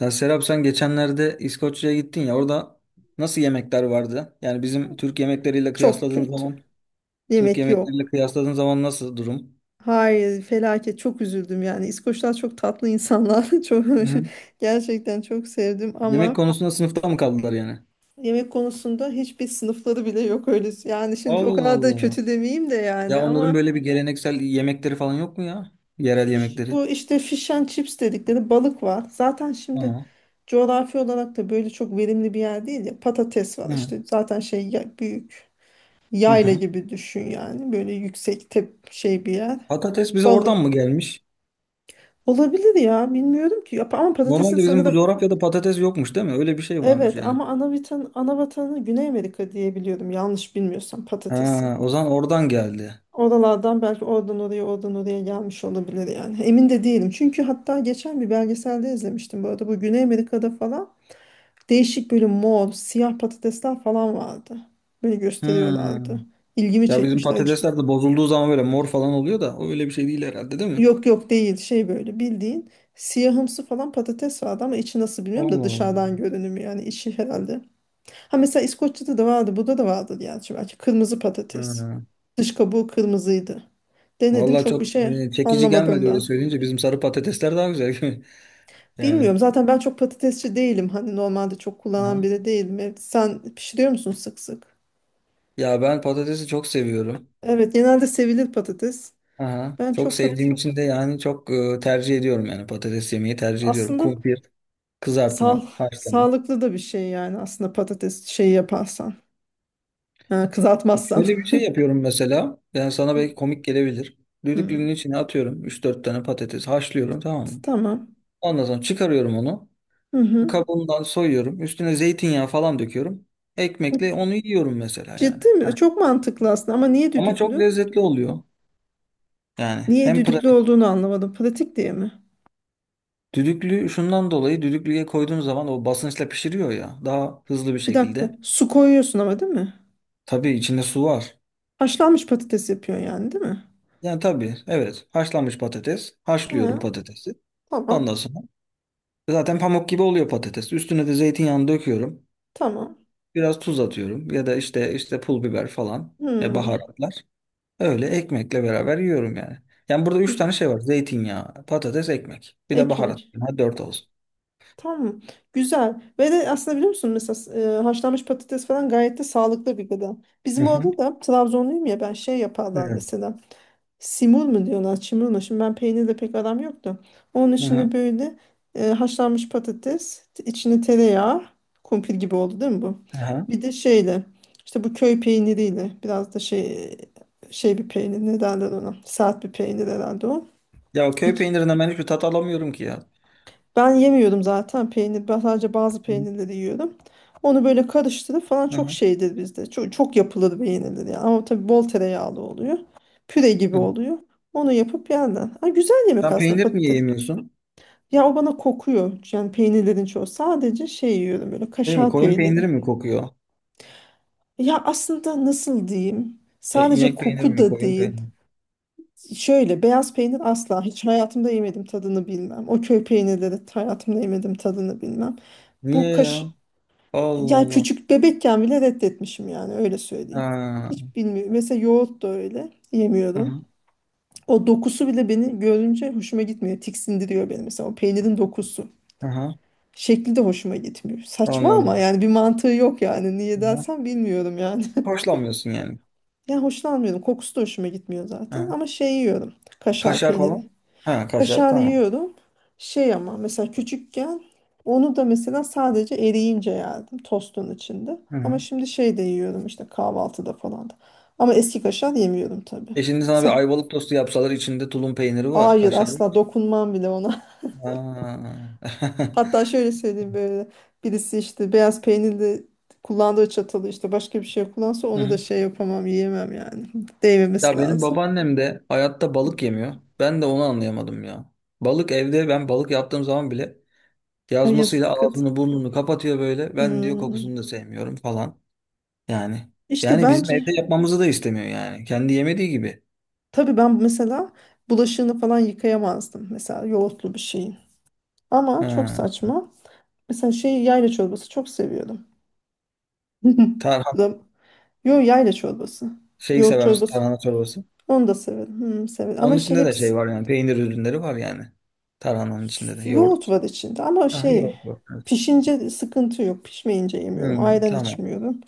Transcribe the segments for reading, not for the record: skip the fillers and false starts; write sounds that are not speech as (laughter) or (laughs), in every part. Ya Serap sen geçenlerde İskoçya'ya gittin ya orada nasıl yemekler vardı? Yani bizim Çok kötü. Türk Yemek yemekleriyle yok. kıyasladığın zaman nasıl durum? Hayır, felaket. Çok üzüldüm yani. İskoçlar çok tatlı insanlar. (laughs) Çok Hı. gerçekten çok sevdim Yemek ama konusunda sınıfta mı kaldılar yani? yemek konusunda hiçbir sınıfları bile yok öyle. Yani şimdi o Allah kadar da Allah. kötü demeyeyim de Ya yani onların ama böyle bir geleneksel yemekleri falan yok mu ya? Yerel yemekleri. bu işte fish and chips dedikleri balık var. Zaten şimdi Tamam. coğrafi olarak da böyle çok verimli bir yer değil ya. Patates var Hı. işte. Zaten büyük Hı yayla hı. gibi düşün yani. Böyle yüksek tep şey bir yer. Patates bize oradan Balık. mı gelmiş? Olabilir ya bilmiyorum ki ama patatesin Normalde bizim bu sanırım coğrafyada patates yokmuş değil mi? Öyle bir şey varmış evet yani. ama ana vatanı Güney Amerika diye biliyorum yanlış bilmiyorsam Ha, patatesin. o zaman oradan geldi. Oralardan belki oradan oraya gelmiş olabilir yani. Emin de değilim. Çünkü hatta geçen bir belgeselde izlemiştim bu arada. Bu Güney Amerika'da falan değişik böyle mor, siyah patatesler falan vardı. Böyle Hı. gösteriyorlardı. İlgimi Ya bizim çekmişti acı. patatesler de bozulduğu zaman böyle mor falan oluyor da o öyle bir şey değil herhalde değil mi? Yok yok değil şey böyle bildiğin siyahımsı falan patates vardı ama içi nasıl bilmiyorum da Allah Allah. dışarıdan görünümü yani içi herhalde. Ha mesela İskoçya'da da vardı, burada da vardı yani şimdi belki kırmızı patates. Ha. Dış kabuğu kırmızıydı. Denedim Vallahi çok bir çok şey çekici anlamadım gelmedi öyle ben. söyleyince. Bizim sarı patatesler daha güzel. (laughs) Yani. Bilmiyorum zaten ben çok patatesçi değilim. Hani normalde çok kullanan Aha. biri değilim. Evet, sen pişiriyor musun sık sık? Ya ben patatesi çok seviyorum. Evet genelde sevilir patates. Aha. Ben Çok çok sevdiğim patates için de yani çok tercih ediyorum yani patates yemeyi tercih ediyorum. aslında Kumpir, sağ kızartma, haşlama. sağlıklı da bir şey yani aslında patates şeyi yaparsan. Ha, Bak kızartmazsan. şöyle bir (laughs) şey yapıyorum mesela. Yani sana belki komik gelebilir. Hmm. Düdüklünün içine atıyorum üç dört tane patates haşlıyorum, tamam mı? Tamam. Ondan sonra çıkarıyorum onu. Hı Bu hı. kabuğundan soyuyorum. Üstüne zeytinyağı falan döküyorum. Ekmekle onu yiyorum mesela yani. Ciddi mi? Heh. Çok mantıklı aslında ama niye Ama çok düdüklü? lezzetli oluyor. Yani Niye hem düdüklü pratik. olduğunu anlamadım. Pratik diye mi? Düdüklü şundan dolayı, düdüklüye koyduğun zaman o basınçla pişiriyor ya, daha hızlı bir Bir dakika. şekilde. Su koyuyorsun ama değil mi? Tabii içinde su var. Haşlanmış patates yapıyorsun yani değil mi? Yani tabii evet, haşlanmış patates. Ha, Haşlıyorum patatesi. tamam. Ondan sonra zaten pamuk gibi oluyor patates. Üstüne de zeytinyağını döküyorum. Tamam. Biraz tuz atıyorum ya da işte pul biber falan, Hmm. baharatlar. Öyle ekmekle beraber yiyorum yani. Yani burada üç Gü- tane şey var. Zeytinyağı, patates, ekmek. Bir de baharat. Ekmek. Ha, dört olsun. Tamam. Güzel. Ve de aslında biliyor musun mesela haşlanmış patates falan gayet de sağlıklı bir gıda. Hı Bizim hı. orada da Trabzonluyum ya ben şey yaparlar Evet. mesela. Simul mu diyorlar, çimul mu? Şimdi ben peynirle pek aram yoktu. Onun Hı içine hı. böyle haşlanmış patates, içine tereyağı, kumpir gibi oldu değil mi bu? Aha. Bir de şeyle, işte bu köy peyniriyle, biraz da şey bir peynir, ne derler ona? Sert bir peynir herhalde o. Ya köy İç, peynirinden ben hiçbir tat alamıyorum ki ya. ben yemiyordum zaten peynir. Ben sadece bazı Hı peynirleri yiyorum. Onu böyle karıştırıp falan çok hı. şeydir bizde. Çok, çok yapılır peynirleri. Yani. Ama tabii bol tereyağlı oluyor. Püre gibi Hı hı. oluyor. Onu yapıp yerler. Ha, güzel yemek Sen aslında peynir niye patates. yemiyorsun? Ya o bana kokuyor. Yani peynirlerin çoğu. Sadece şey yiyorum böyle Değil mi? kaşar Koyun peyniri. peyniri mi kokuyor? Ya aslında nasıl diyeyim? E, Sadece inek peyniri koku mi, da koyun peyniri değil. mi? Şöyle beyaz peynir asla hiç hayatımda yemedim tadını bilmem. O köy peynirleri hayatımda yemedim tadını bilmem. Bu Niye ya? kaş Allah Yani Allah. küçük bebekken bile reddetmişim yani öyle söyleyeyim. Ha. Hiç bilmiyorum. Mesela yoğurt da öyle Hı yemiyorum. hı. O dokusu bile beni görünce hoşuma gitmiyor. Tiksindiriyor beni mesela o peynirin dokusu. Hı. Şekli de hoşuma gitmiyor. Saçma ama Anladım. yani bir mantığı yok yani. Niye Hı hı. dersen bilmiyorum yani. (laughs) Hoşlanmıyorsun yani. Yani hoşlanmıyorum. Kokusu da hoşuma gitmiyor zaten Ha. ama şey yiyorum. Kaşar Kaşar peyniri. falan? Ha, kaşar Kaşar tamam. yiyorum. Şey ama mesela küçükken onu da mesela sadece eriyince yerdim tostun içinde. Hı Ama hı. şimdi şey de yiyorum işte kahvaltıda falan da. Ama eski kaşar yemiyorum tabii. E şimdi sana Sa- bir ayvalık tostu yapsalar, içinde tulum peyniri var, Hayır kaşar asla var. dokunmam bile ona. Ha. (laughs) (laughs) Hatta şöyle söyleyeyim böyle birisi işte beyaz peynirli kullandığı çatalı işte başka bir şey kullansa Hı onu hı. da şey yapamam yiyemem yani. (laughs) Değmemesi Ya benim lazım. babaannem de hayatta balık yemiyor. Ben de onu anlayamadım ya. Balık evde, ben balık yaptığım zaman bile Ay yazmasıyla yazık kadın. ağzını burnunu kapatıyor böyle. Ben diyor kokusunu Hmm. da sevmiyorum falan. Yani İşte bizim bence evde yapmamızı da istemiyor yani. Kendi yemediği gibi. tabii ben mesela bulaşığını falan yıkayamazdım. Mesela yoğurtlu bir şeyin. Ama çok Ha. saçma. Mesela şey yayla çorbası çok seviyordum. (laughs) Tarhana Bu da- Yo yayla çorbası. şeyi Yoğurt sever misin, çorbası. tarhana çorbası? Onu da severim. Hmm, severim. Onun Ama şey içinde de şey hepsi var yani, peynir ürünleri var yani. Tarhananın içinde de yoğurt yoğurt. var içinde. Ama Ha, şey yoğurt var. pişince sıkıntı yok. Pişmeyince yemiyorum. Hmm, Ayran tamam. içmiyorum.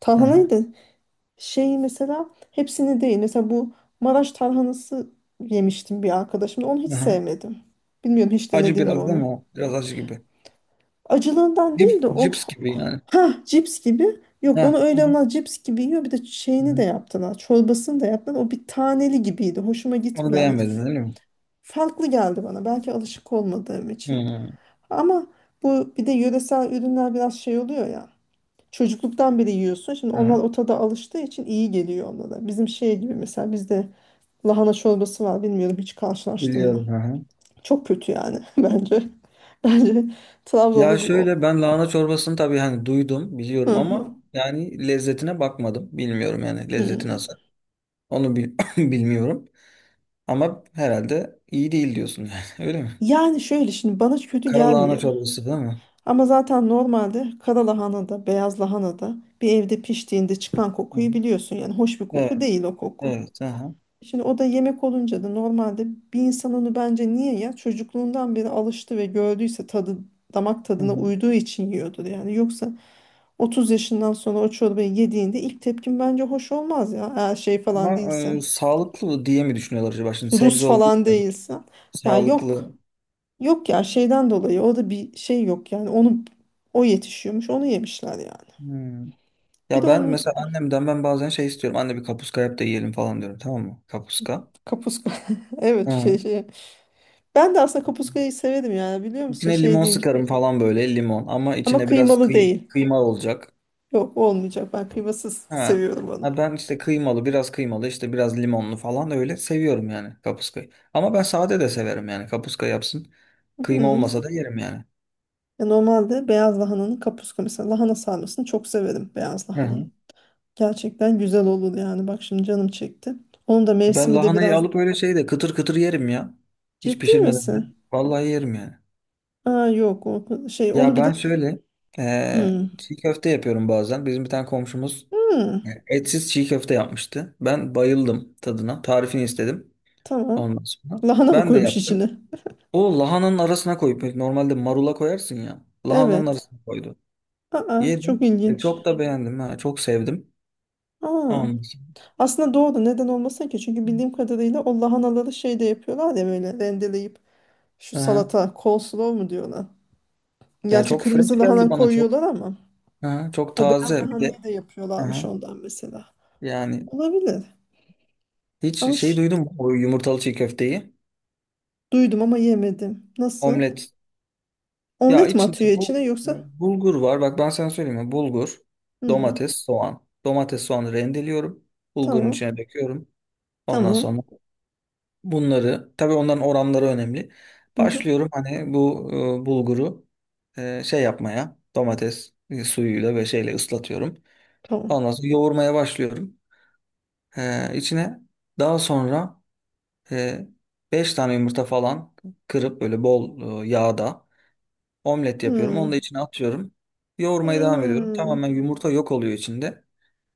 Tarhanayı Aha, da şey mesela hepsini değil. Mesela bu Maraş tarhanası yemiştim bir arkadaşımla. Onu hiç aha. sevmedim. Bilmiyorum hiç Acı denedin mi biraz değil onu? mi o? Biraz acı gibi. Acılığından değil de Cips gibi yani. ha cips gibi. Yok onu Heh, öyle hı, ama cips gibi yiyor. Bir de şeyini de hı. yaptılar. Çorbasını da yaptılar. O bir taneli gibiydi. Hoşuma Onu gitmiyor. Beğenmedin değil mi? Farklı geldi bana. Belki alışık olmadığım için. Hı, Ama bu bir de yöresel ürünler biraz şey oluyor ya. Çocukluktan beri yiyorsun. Şimdi onlar hı. o tada alıştığı için iyi geliyor onlara. Bizim şey gibi mesela bizde lahana çorbası var. Bilmiyorum hiç karşılaştın mı? Biliyorum. Hı. Çok kötü yani (laughs) bence. Bence Ya Trabzonlu bir o. şöyle, ben lahana çorbasını tabii hani duydum, Hı biliyorum hı. ama yani lezzetine bakmadım. Bilmiyorum yani lezzeti Hmm. nasıl. Onu (laughs) bilmiyorum. Ama herhalde iyi değil diyorsun yani. (laughs) Öyle mi? Yani şöyle şimdi bana kötü Kara lahana gelmiyor. çorbası değil mi? Ama zaten normalde kara lahana da beyaz lahana da bir evde piştiğinde çıkan Hı. kokuyu biliyorsun. Yani hoş bir koku Evet. değil o koku. Evet. Aha. Şimdi o da yemek olunca da normalde bir insan onu bence niye ya çocukluğundan beri alıştı ve gördüyse tadı damak Hı hı. tadına uyduğu için yiyordur. Yani yoksa 30 yaşından sonra o çorbayı yediğinde ilk tepkin bence hoş olmaz ya. Eğer şey falan Ama değilsen, sağlıklı diye mi düşünüyorlar acaba? Şimdi Rus sebze olduğu falan için değilsen. Ya sağlıklı. yok. Yok ya şeyden dolayı orada bir şey yok yani onu o yetişiyormuş onu yemişler yani. Hmm. Bir de Ya ben onun mesela annemden, ben bazen şey istiyorum. Anne bir kapuska yap da yiyelim falan diyorum. Tamam mı? Kapuska. kapuska (laughs) evet Hı. Şey. Ben de aslında kapuskayı severim yani biliyor musun İçine şey limon değil sıkarım falan böyle, limon. Ama ama içine biraz kıymalı değil. kıyma olacak. Yok olmayacak ben kıymasız Ha. seviyorum onu. Ha ben işte kıymalı, biraz kıymalı işte, biraz limonlu falan öyle seviyorum yani kapuskayı. Ama ben sade de severim yani, kapuska yapsın. (laughs) Kıyma Hı. olmasa da yerim yani. Ya normalde beyaz lahananın kapuska mesela lahana sarmasını çok severim beyaz Hı lahananın. hı. Gerçekten güzel olur yani bak şimdi canım çekti. Onun da Ben mevsimi de lahanayı biraz alıp öyle şeyde kıtır kıtır yerim ya. Hiç ciddi pişirmeden de. misin? Vallahi yerim yani. Aa yok o şey onu Ya bir de. ben şöyle Hı. çiğ köfte yapıyorum bazen. Bizim bir tane komşumuz Hı. Etsiz çiğ köfte yapmıştı. Ben bayıldım tadına. Tarifini istedim Tamam. ondan sonra. Lahana mı Ben de koymuş yaptım. içine? O lahananın arasına koyup, normalde marula koyarsın ya. Lahananın Evet. arasına koydu. Aa, çok Yedim. E, ilginç. çok da beğendim ha. Çok sevdim. Aa, Ondan sonra- aslında doğru. Neden olmasın ki? Çünkü bildiğim kadarıyla o lahanaları şey de yapıyorlar ya böyle rendeleyip şu hı. Hı. salata, coleslaw mu diyorlar. Ya Gerçi çok fresh kırmızı geldi lahana bana, çok. koyuyorlar ama Hı hı. Çok o beyaz taze. Bir de lahanayı da hı yapıyorlarmış hı, ondan mesela. yani. Olabilir. Ama Hiç şey ş- duydun mu, bu yumurtalı çiğ köfteyi? duydum ama yemedim. Nasıl? Omlet. Ya Omlet mi içinde atıyor içine bu e, yoksa? bulgur var. Bak ben sana söyleyeyim mi? Bulgur, Hmm, domates, soğan. Domates, soğanı rendeliyorum. Bulgurun tamam. içine döküyorum. Ondan Tamam. sonra bunları, tabii onların oranları önemli. Hı hı, Başlıyorum hani bu bulguru şey yapmaya, domates suyuyla ve şeyle ıslatıyorum. tamam. Ondan sonra yoğurmaya başlıyorum. E, içine daha sonra E, 5 tane yumurta falan kırıp böyle bol yağda omlet yapıyorum. Onu da Hmm. içine atıyorum. Yoğurmaya devam ediyorum. Hmm. Tamamen yumurta yok oluyor içinde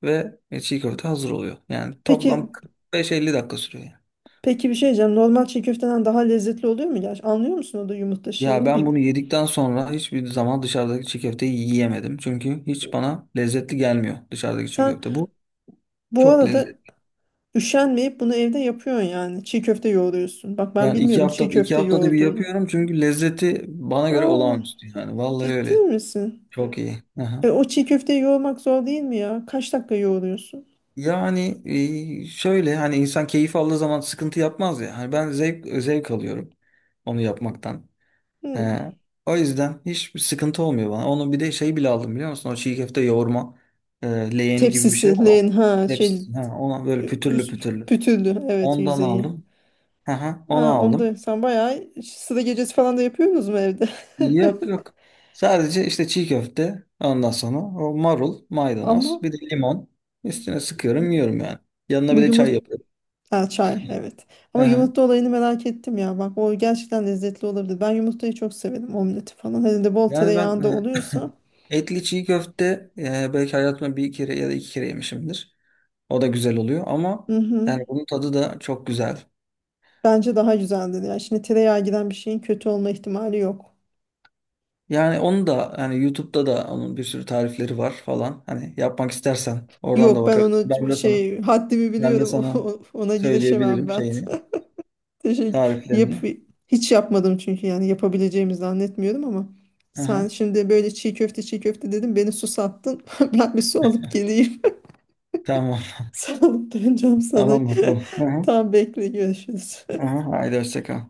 ve çiğ köfte hazır oluyor. Yani Peki toplam 45-50 dakika sürüyor yani. Peki bir şey diyeceğim. Normal çiğ köfteden daha lezzetli oluyor mu? Gerçi anlıyor musun o da yumurta Ya şeyini ben bil. bunu yedikten sonra hiçbir zaman dışarıdaki çiğ köfteyi yiyemedim. Çünkü hiç bana lezzetli gelmiyor dışarıdaki çiğ Sen köfte. Bu bu çok arada lezzetli. üşenmeyip bunu evde yapıyorsun yani. Çiğ köfte yoğuruyorsun. Bak ben Yani bilmiyordum çiğ iki köfte haftada bir yoğurduğunu. yapıyorum çünkü lezzeti bana göre Aa, olağanüstü yani. Vallahi ciddi öyle. misin? Çok iyi. O çiğ köfteyi yoğurmak zor değil mi ya? Kaç dakika yoğuruyorsun? Yani şöyle, hani insan keyif aldığı zaman sıkıntı yapmaz ya. Hani ben zevk alıyorum onu yapmaktan. He. Hmm. O yüzden hiçbir sıkıntı olmuyor bana. Onu bir de şey bile aldım, biliyor musun? O çiğ köfte yoğurma leğeni gibi bir şey Tepsisi, var, o. len ha şey Hepsi. Ha, ona böyle pütürlü üst, pütürlü. pütürlü evet Ondan yüzeyi. aldım. Aha, onu Ha, aldım. onda sen bayağı sıra gecesi falan da yapıyorsunuz mu evde? Yok yok. Sadece işte çiğ köfte, ondan sonra o marul, (laughs) maydanoz, Ama bir de limon. Üstüne sıkıyorum yiyorum yani. Yanına bu bir de çay yumurta. yapıyorum. Ha, çay evet. Ama Aha. yumurta olayını merak ettim ya. Bak o gerçekten lezzetli olabilir. Ben yumurtayı çok severim omleti falan. Hele de bol Yani ben tereyağında oluyorsa. (laughs) Etli çiğ köfte belki hayatımda bir kere ya da iki kere yemişimdir. O da güzel oluyor ama Hı hı. yani bunun tadı da çok güzel. Bence daha güzeldir. Yani şimdi tereyağı giren bir şeyin kötü olma ihtimali yok. Yani onu da, yani YouTube'da da onun bir sürü tarifleri var falan. Hani yapmak istersen oradan da Yok ben bakabilirsin. onu şey haddimi Ben de biliyorum. (laughs) Sana Ona girişemem söyleyebilirim ben. şeyini, (laughs) Teşekkür. Yap, tariflerini. hiç yapmadım çünkü yani yapabileceğimi zannetmiyorum ama sen Aha, şimdi böyle çiğ köfte dedim beni susattın. (laughs) Ben bir su alıp geleyim. tamam. (laughs) Sağlık döneceğim (laughs) sana. Tamam bakalım. (laughs) Aha, Tam bekle görüşürüz. aha, haydi hoşça kal.